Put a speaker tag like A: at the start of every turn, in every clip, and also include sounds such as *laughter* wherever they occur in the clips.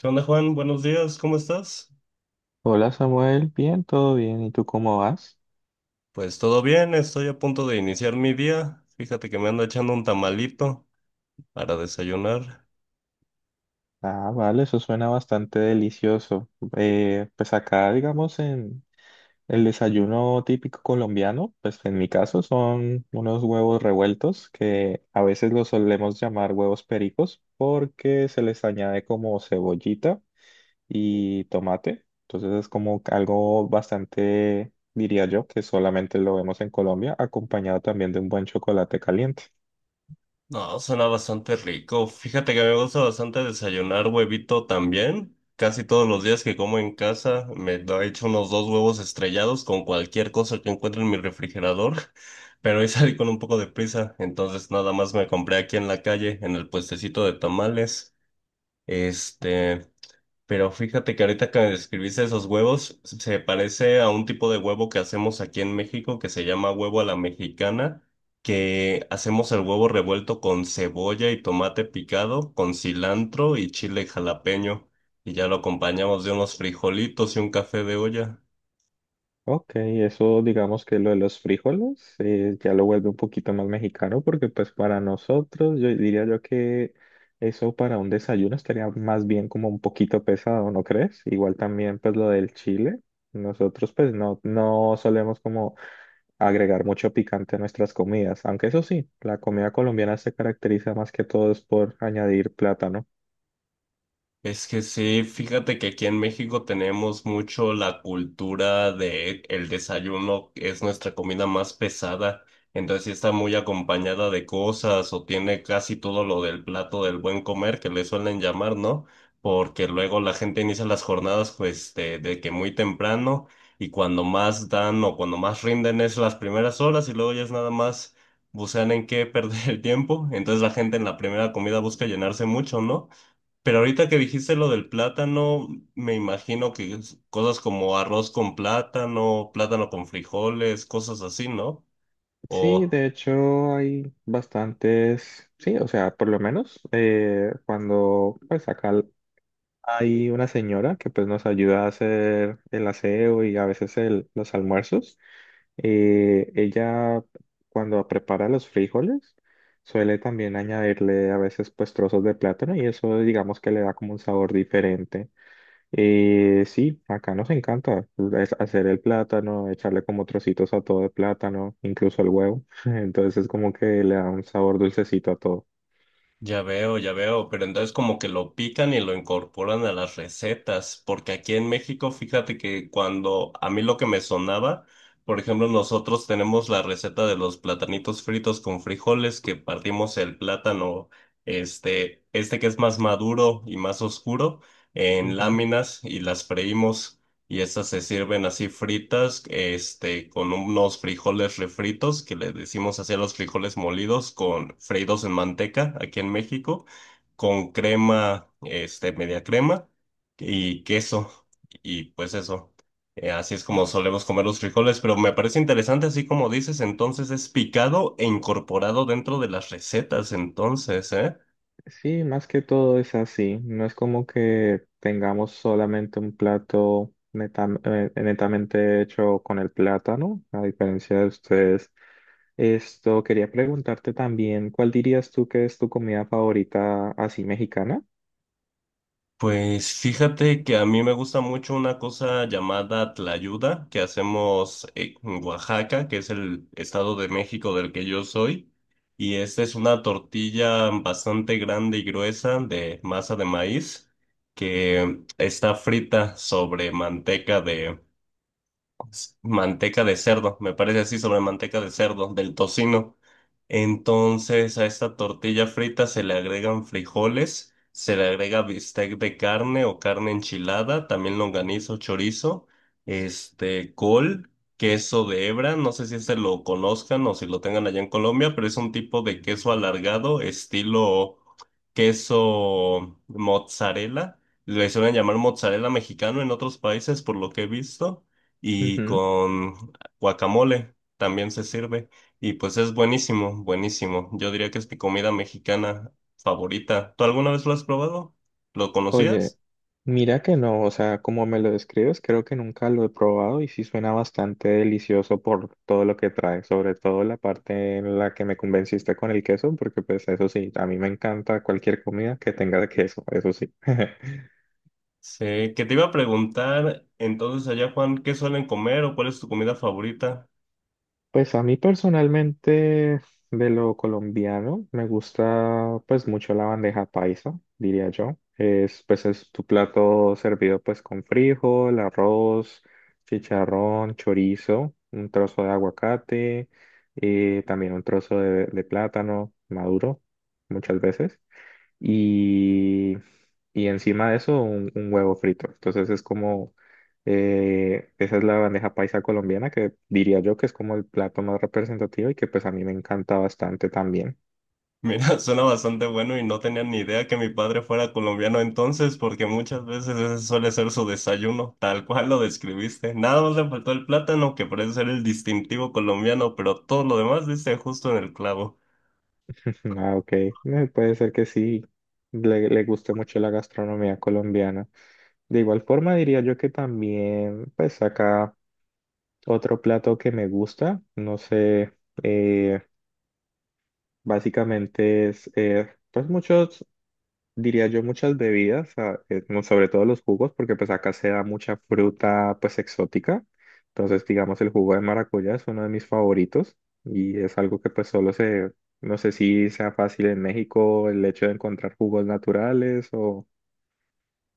A: ¿Qué onda, Juan? Buenos días, ¿cómo estás?
B: Hola Samuel, bien, todo bien, ¿y tú cómo vas?
A: Pues todo bien, estoy a punto de iniciar mi día. Fíjate que me ando echando un tamalito para desayunar.
B: Ah, vale, eso suena bastante delicioso. Pues acá, digamos, en el desayuno típico colombiano, pues en mi caso son unos huevos revueltos que a veces los solemos llamar huevos pericos porque se les añade como cebollita y tomate. Entonces es como algo bastante, diría yo, que solamente lo vemos en Colombia, acompañado también de un buen chocolate caliente.
A: No, suena bastante rico. Fíjate que me gusta bastante desayunar huevito también. Casi todos los días que como en casa me lo he hecho unos dos huevos estrellados con cualquier cosa que encuentre en mi refrigerador. *laughs* Pero hoy salí con un poco de prisa, entonces nada más me compré aquí en la calle, en el puestecito de tamales. Este. Pero fíjate que ahorita que describiste esos huevos, se parece a un tipo de huevo que hacemos aquí en México que se llama huevo a la mexicana, que hacemos el huevo revuelto con cebolla y tomate picado, con cilantro y chile jalapeño, y ya lo acompañamos de unos frijolitos y un café de olla.
B: Ok, eso digamos que lo de los frijoles ya lo vuelve un poquito más mexicano porque pues para nosotros yo diría yo que eso para un desayuno estaría más bien como un poquito pesado, ¿no crees? Igual también pues lo del chile, nosotros pues no, no solemos como agregar mucho picante a nuestras comidas, aunque eso sí, la comida colombiana se caracteriza más que todo es por añadir plátano.
A: Es que sí, fíjate que aquí en México tenemos mucho la cultura de el desayuno, que es nuestra comida más pesada, entonces sí está muy acompañada de cosas o tiene casi todo lo del plato del buen comer que le suelen llamar, ¿no? Porque luego la gente inicia las jornadas pues de que muy temprano y cuando más dan o cuando más rinden es las primeras horas y luego ya es nada más bucean en qué *laughs* perder el tiempo, entonces la gente en la primera comida busca llenarse mucho, ¿no? Pero ahorita que dijiste lo del plátano, me imagino que es cosas como arroz con plátano, plátano con frijoles, cosas así, ¿no?
B: Sí,
A: O...
B: de hecho hay bastantes, sí, o sea, por lo menos cuando pues acá hay una señora que pues nos ayuda a hacer el aseo y a veces los almuerzos, ella cuando prepara los frijoles suele también añadirle a veces pues trozos de plátano y eso digamos que le da como un sabor diferente. Sí, acá nos encanta pues, es hacer el plátano, echarle como trocitos a todo el plátano, incluso el huevo. *laughs* Entonces es como que le da un sabor dulcecito a todo.
A: Ya veo, pero entonces como que lo pican y lo incorporan a las recetas, porque aquí en México, fíjate que cuando a mí lo que me sonaba, por ejemplo, nosotros tenemos la receta de los platanitos fritos con frijoles, que partimos el plátano, este que es más maduro y más oscuro, en
B: Ujú.
A: láminas y las freímos y esas se sirven así fritas, con unos frijoles refritos, que le decimos así a los frijoles molidos, con freídos en manteca aquí en México, con crema, media crema y queso, y pues eso. Así es como solemos comer los frijoles, pero me parece interesante, así como dices, entonces es picado e incorporado dentro de las recetas, entonces, ¿eh?
B: Sí, más que todo es así. No es como que tengamos solamente un plato netamente hecho con el plátano, a diferencia de ustedes. Esto quería preguntarte también, ¿cuál dirías tú que es tu comida favorita así mexicana?
A: Pues fíjate que a mí me gusta mucho una cosa llamada tlayuda que hacemos en Oaxaca, que es el estado de México del que yo soy. Y esta es una tortilla bastante grande y gruesa de masa de maíz que está frita sobre manteca manteca de cerdo, me parece así, sobre manteca de cerdo, del tocino. Entonces a esta tortilla frita se le agregan frijoles, se le agrega bistec de carne o carne enchilada, también longaniza o chorizo, col, queso de hebra, no sé si este lo conozcan o si lo tengan allá en Colombia, pero es un tipo de queso alargado, estilo queso mozzarella. Le suelen llamar mozzarella mexicano en otros países, por lo que he visto y con guacamole también se sirve y pues es buenísimo, buenísimo. Yo diría que es mi comida mexicana favorita. ¿Tú alguna vez lo has probado? ¿Lo
B: Oye,
A: conocías?
B: mira que no, o sea, como me lo describes, creo que nunca lo he probado y sí suena bastante delicioso por todo lo que trae, sobre todo la parte en la que me convenciste con el queso, porque pues eso sí, a mí me encanta cualquier comida que tenga queso, eso sí. *laughs*
A: Sí, que te iba a preguntar entonces allá, Juan, ¿qué suelen comer o cuál es tu comida favorita?
B: Pues a mí personalmente de lo colombiano me gusta pues mucho la bandeja paisa, diría yo. Es pues es tu plato servido pues con frijol, arroz, chicharrón, chorizo, un trozo de aguacate, también un trozo de plátano maduro muchas veces y, y encima de eso un huevo frito. Entonces es como, esa es la bandeja paisa colombiana que diría yo que es como el plato más representativo y que pues a mí me encanta bastante también.
A: *laughs* Mira, suena bastante bueno y no tenía ni idea que mi padre fuera colombiano entonces, porque muchas veces ese suele ser su desayuno, tal cual lo describiste. Nada más le faltó el plátano, que parece ser el distintivo colombiano, pero todo lo demás dice justo en el clavo.
B: *laughs* Ah, ok. Puede ser que sí, le guste mucho la gastronomía colombiana. De igual forma diría yo que también pues acá otro plato que me gusta, no sé, eh, básicamente es pues mucho diría yo, muchas bebidas, como sobre todo los jugos, porque pues acá se da mucha fruta pues exótica. Entonces, digamos, el jugo de maracuyá es uno de mis favoritos y es algo que pues no sé si sea fácil en México el hecho de encontrar jugos naturales o...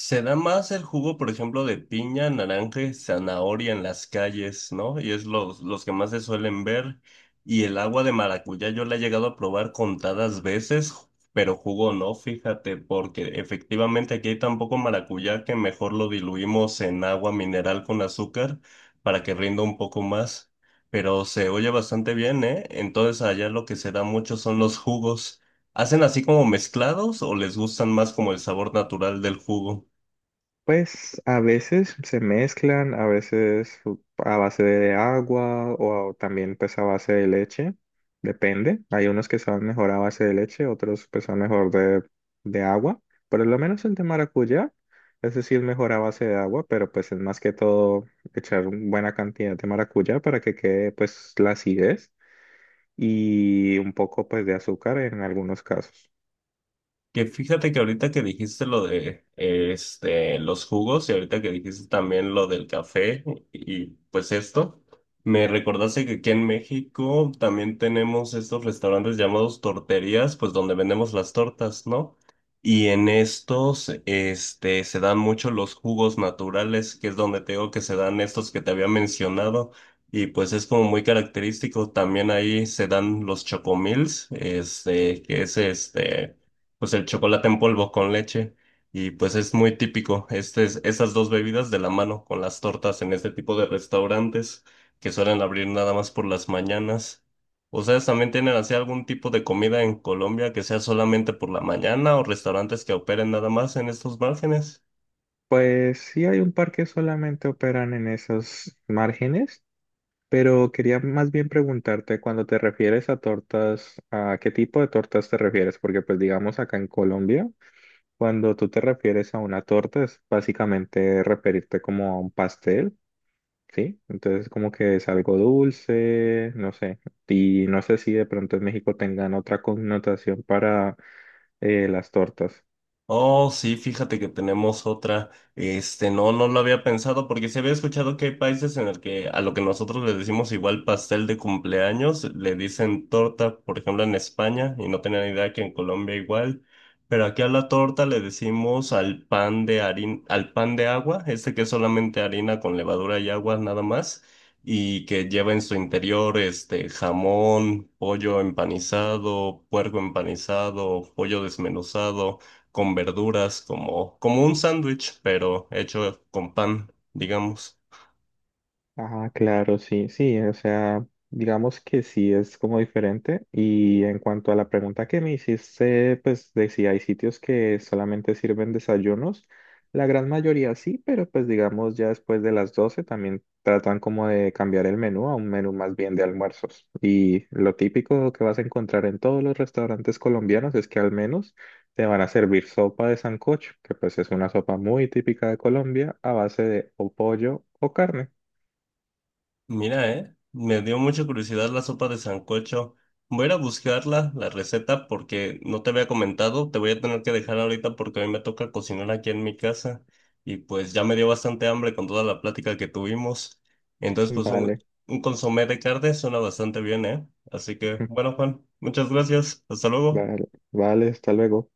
A: Se da más el jugo, por ejemplo, de piña, naranja y zanahoria en las calles, ¿no? Y es los que más se suelen ver. Y el agua de maracuyá yo la he llegado a probar contadas veces, pero jugo no, fíjate, porque efectivamente aquí hay tan poco maracuyá que mejor lo diluimos en agua mineral con azúcar para que rinda un poco más. Pero se oye bastante bien, ¿eh? Entonces allá lo que se da mucho son los jugos. ¿Hacen así como mezclados o les gustan más como el sabor natural del jugo?
B: Pues a veces se mezclan, a veces a base de agua o también pues a base de leche, depende. Hay unos que saben mejor a base de leche, otros pues son mejor de agua. Por lo menos el de maracuyá, ese sí es mejor a base de agua, pero pues es más que todo echar una buena cantidad de maracuyá para que quede pues la acidez y un poco pues de azúcar en algunos casos.
A: Que fíjate que ahorita que dijiste lo de los jugos y ahorita que dijiste también lo del café y pues esto, me recordaste que aquí en México también tenemos estos restaurantes llamados torterías, pues donde vendemos las tortas, ¿no? Y en estos se dan mucho los jugos naturales, que es donde te digo que se dan estos que te había mencionado. Y pues es como muy característico, también ahí se dan los chocomils, que es pues el chocolate en polvo con leche. Y pues es muy típico esas dos bebidas de la mano con las tortas en este tipo de restaurantes que suelen abrir nada más por las mañanas. ¿Ustedes también tienen así algún tipo de comida en Colombia que sea solamente por la mañana o restaurantes que operen nada más en estos márgenes?
B: Pues sí hay un par que solamente operan en esos márgenes. Pero quería más bien preguntarte, cuando te refieres a tortas, ¿a qué tipo de tortas te refieres? Porque pues digamos acá en Colombia, cuando tú te refieres a una torta es básicamente referirte como a un pastel, ¿sí? Entonces como que es algo dulce, no sé. Y no sé si de pronto en México tengan otra connotación para las tortas.
A: Oh, sí, fíjate que tenemos otra. No, no lo había pensado porque se había escuchado que hay países en el que a lo que nosotros le decimos igual pastel de cumpleaños, le dicen torta, por ejemplo, en España, y no tenía ni idea que en Colombia igual. Pero aquí a la torta le decimos al pan de harina, al pan de agua, este que es solamente harina con levadura y agua nada más, y que lleva en su interior este jamón, pollo empanizado, puerco empanizado, pollo desmenuzado con verduras, como, como un sándwich, pero hecho con pan, digamos.
B: Ah, claro, sí, sí, o sea, digamos que sí es como diferente. Y en cuanto a la pregunta que me hiciste, pues de si hay sitios que solamente sirven desayunos, la gran mayoría sí, pero pues digamos ya después de las 12 también tratan como de cambiar el menú a un menú más bien de almuerzos. Y lo típico que vas a encontrar en todos los restaurantes colombianos es que al menos te van a servir sopa de sancocho, que pues es una sopa muy típica de Colombia a base de o pollo o carne.
A: Mira, me dio mucha curiosidad la sopa de sancocho. Voy a ir a buscarla, la receta, porque no te había comentado, te voy a tener que dejar ahorita porque a mí me toca cocinar aquí en mi casa y pues ya me dio bastante hambre con toda la plática que tuvimos. Entonces,
B: Vale,
A: un consomé de carne suena bastante bien, ¿eh? Así que,
B: *laughs*
A: bueno, Juan, muchas gracias. Hasta luego.
B: vale, vale, hasta luego.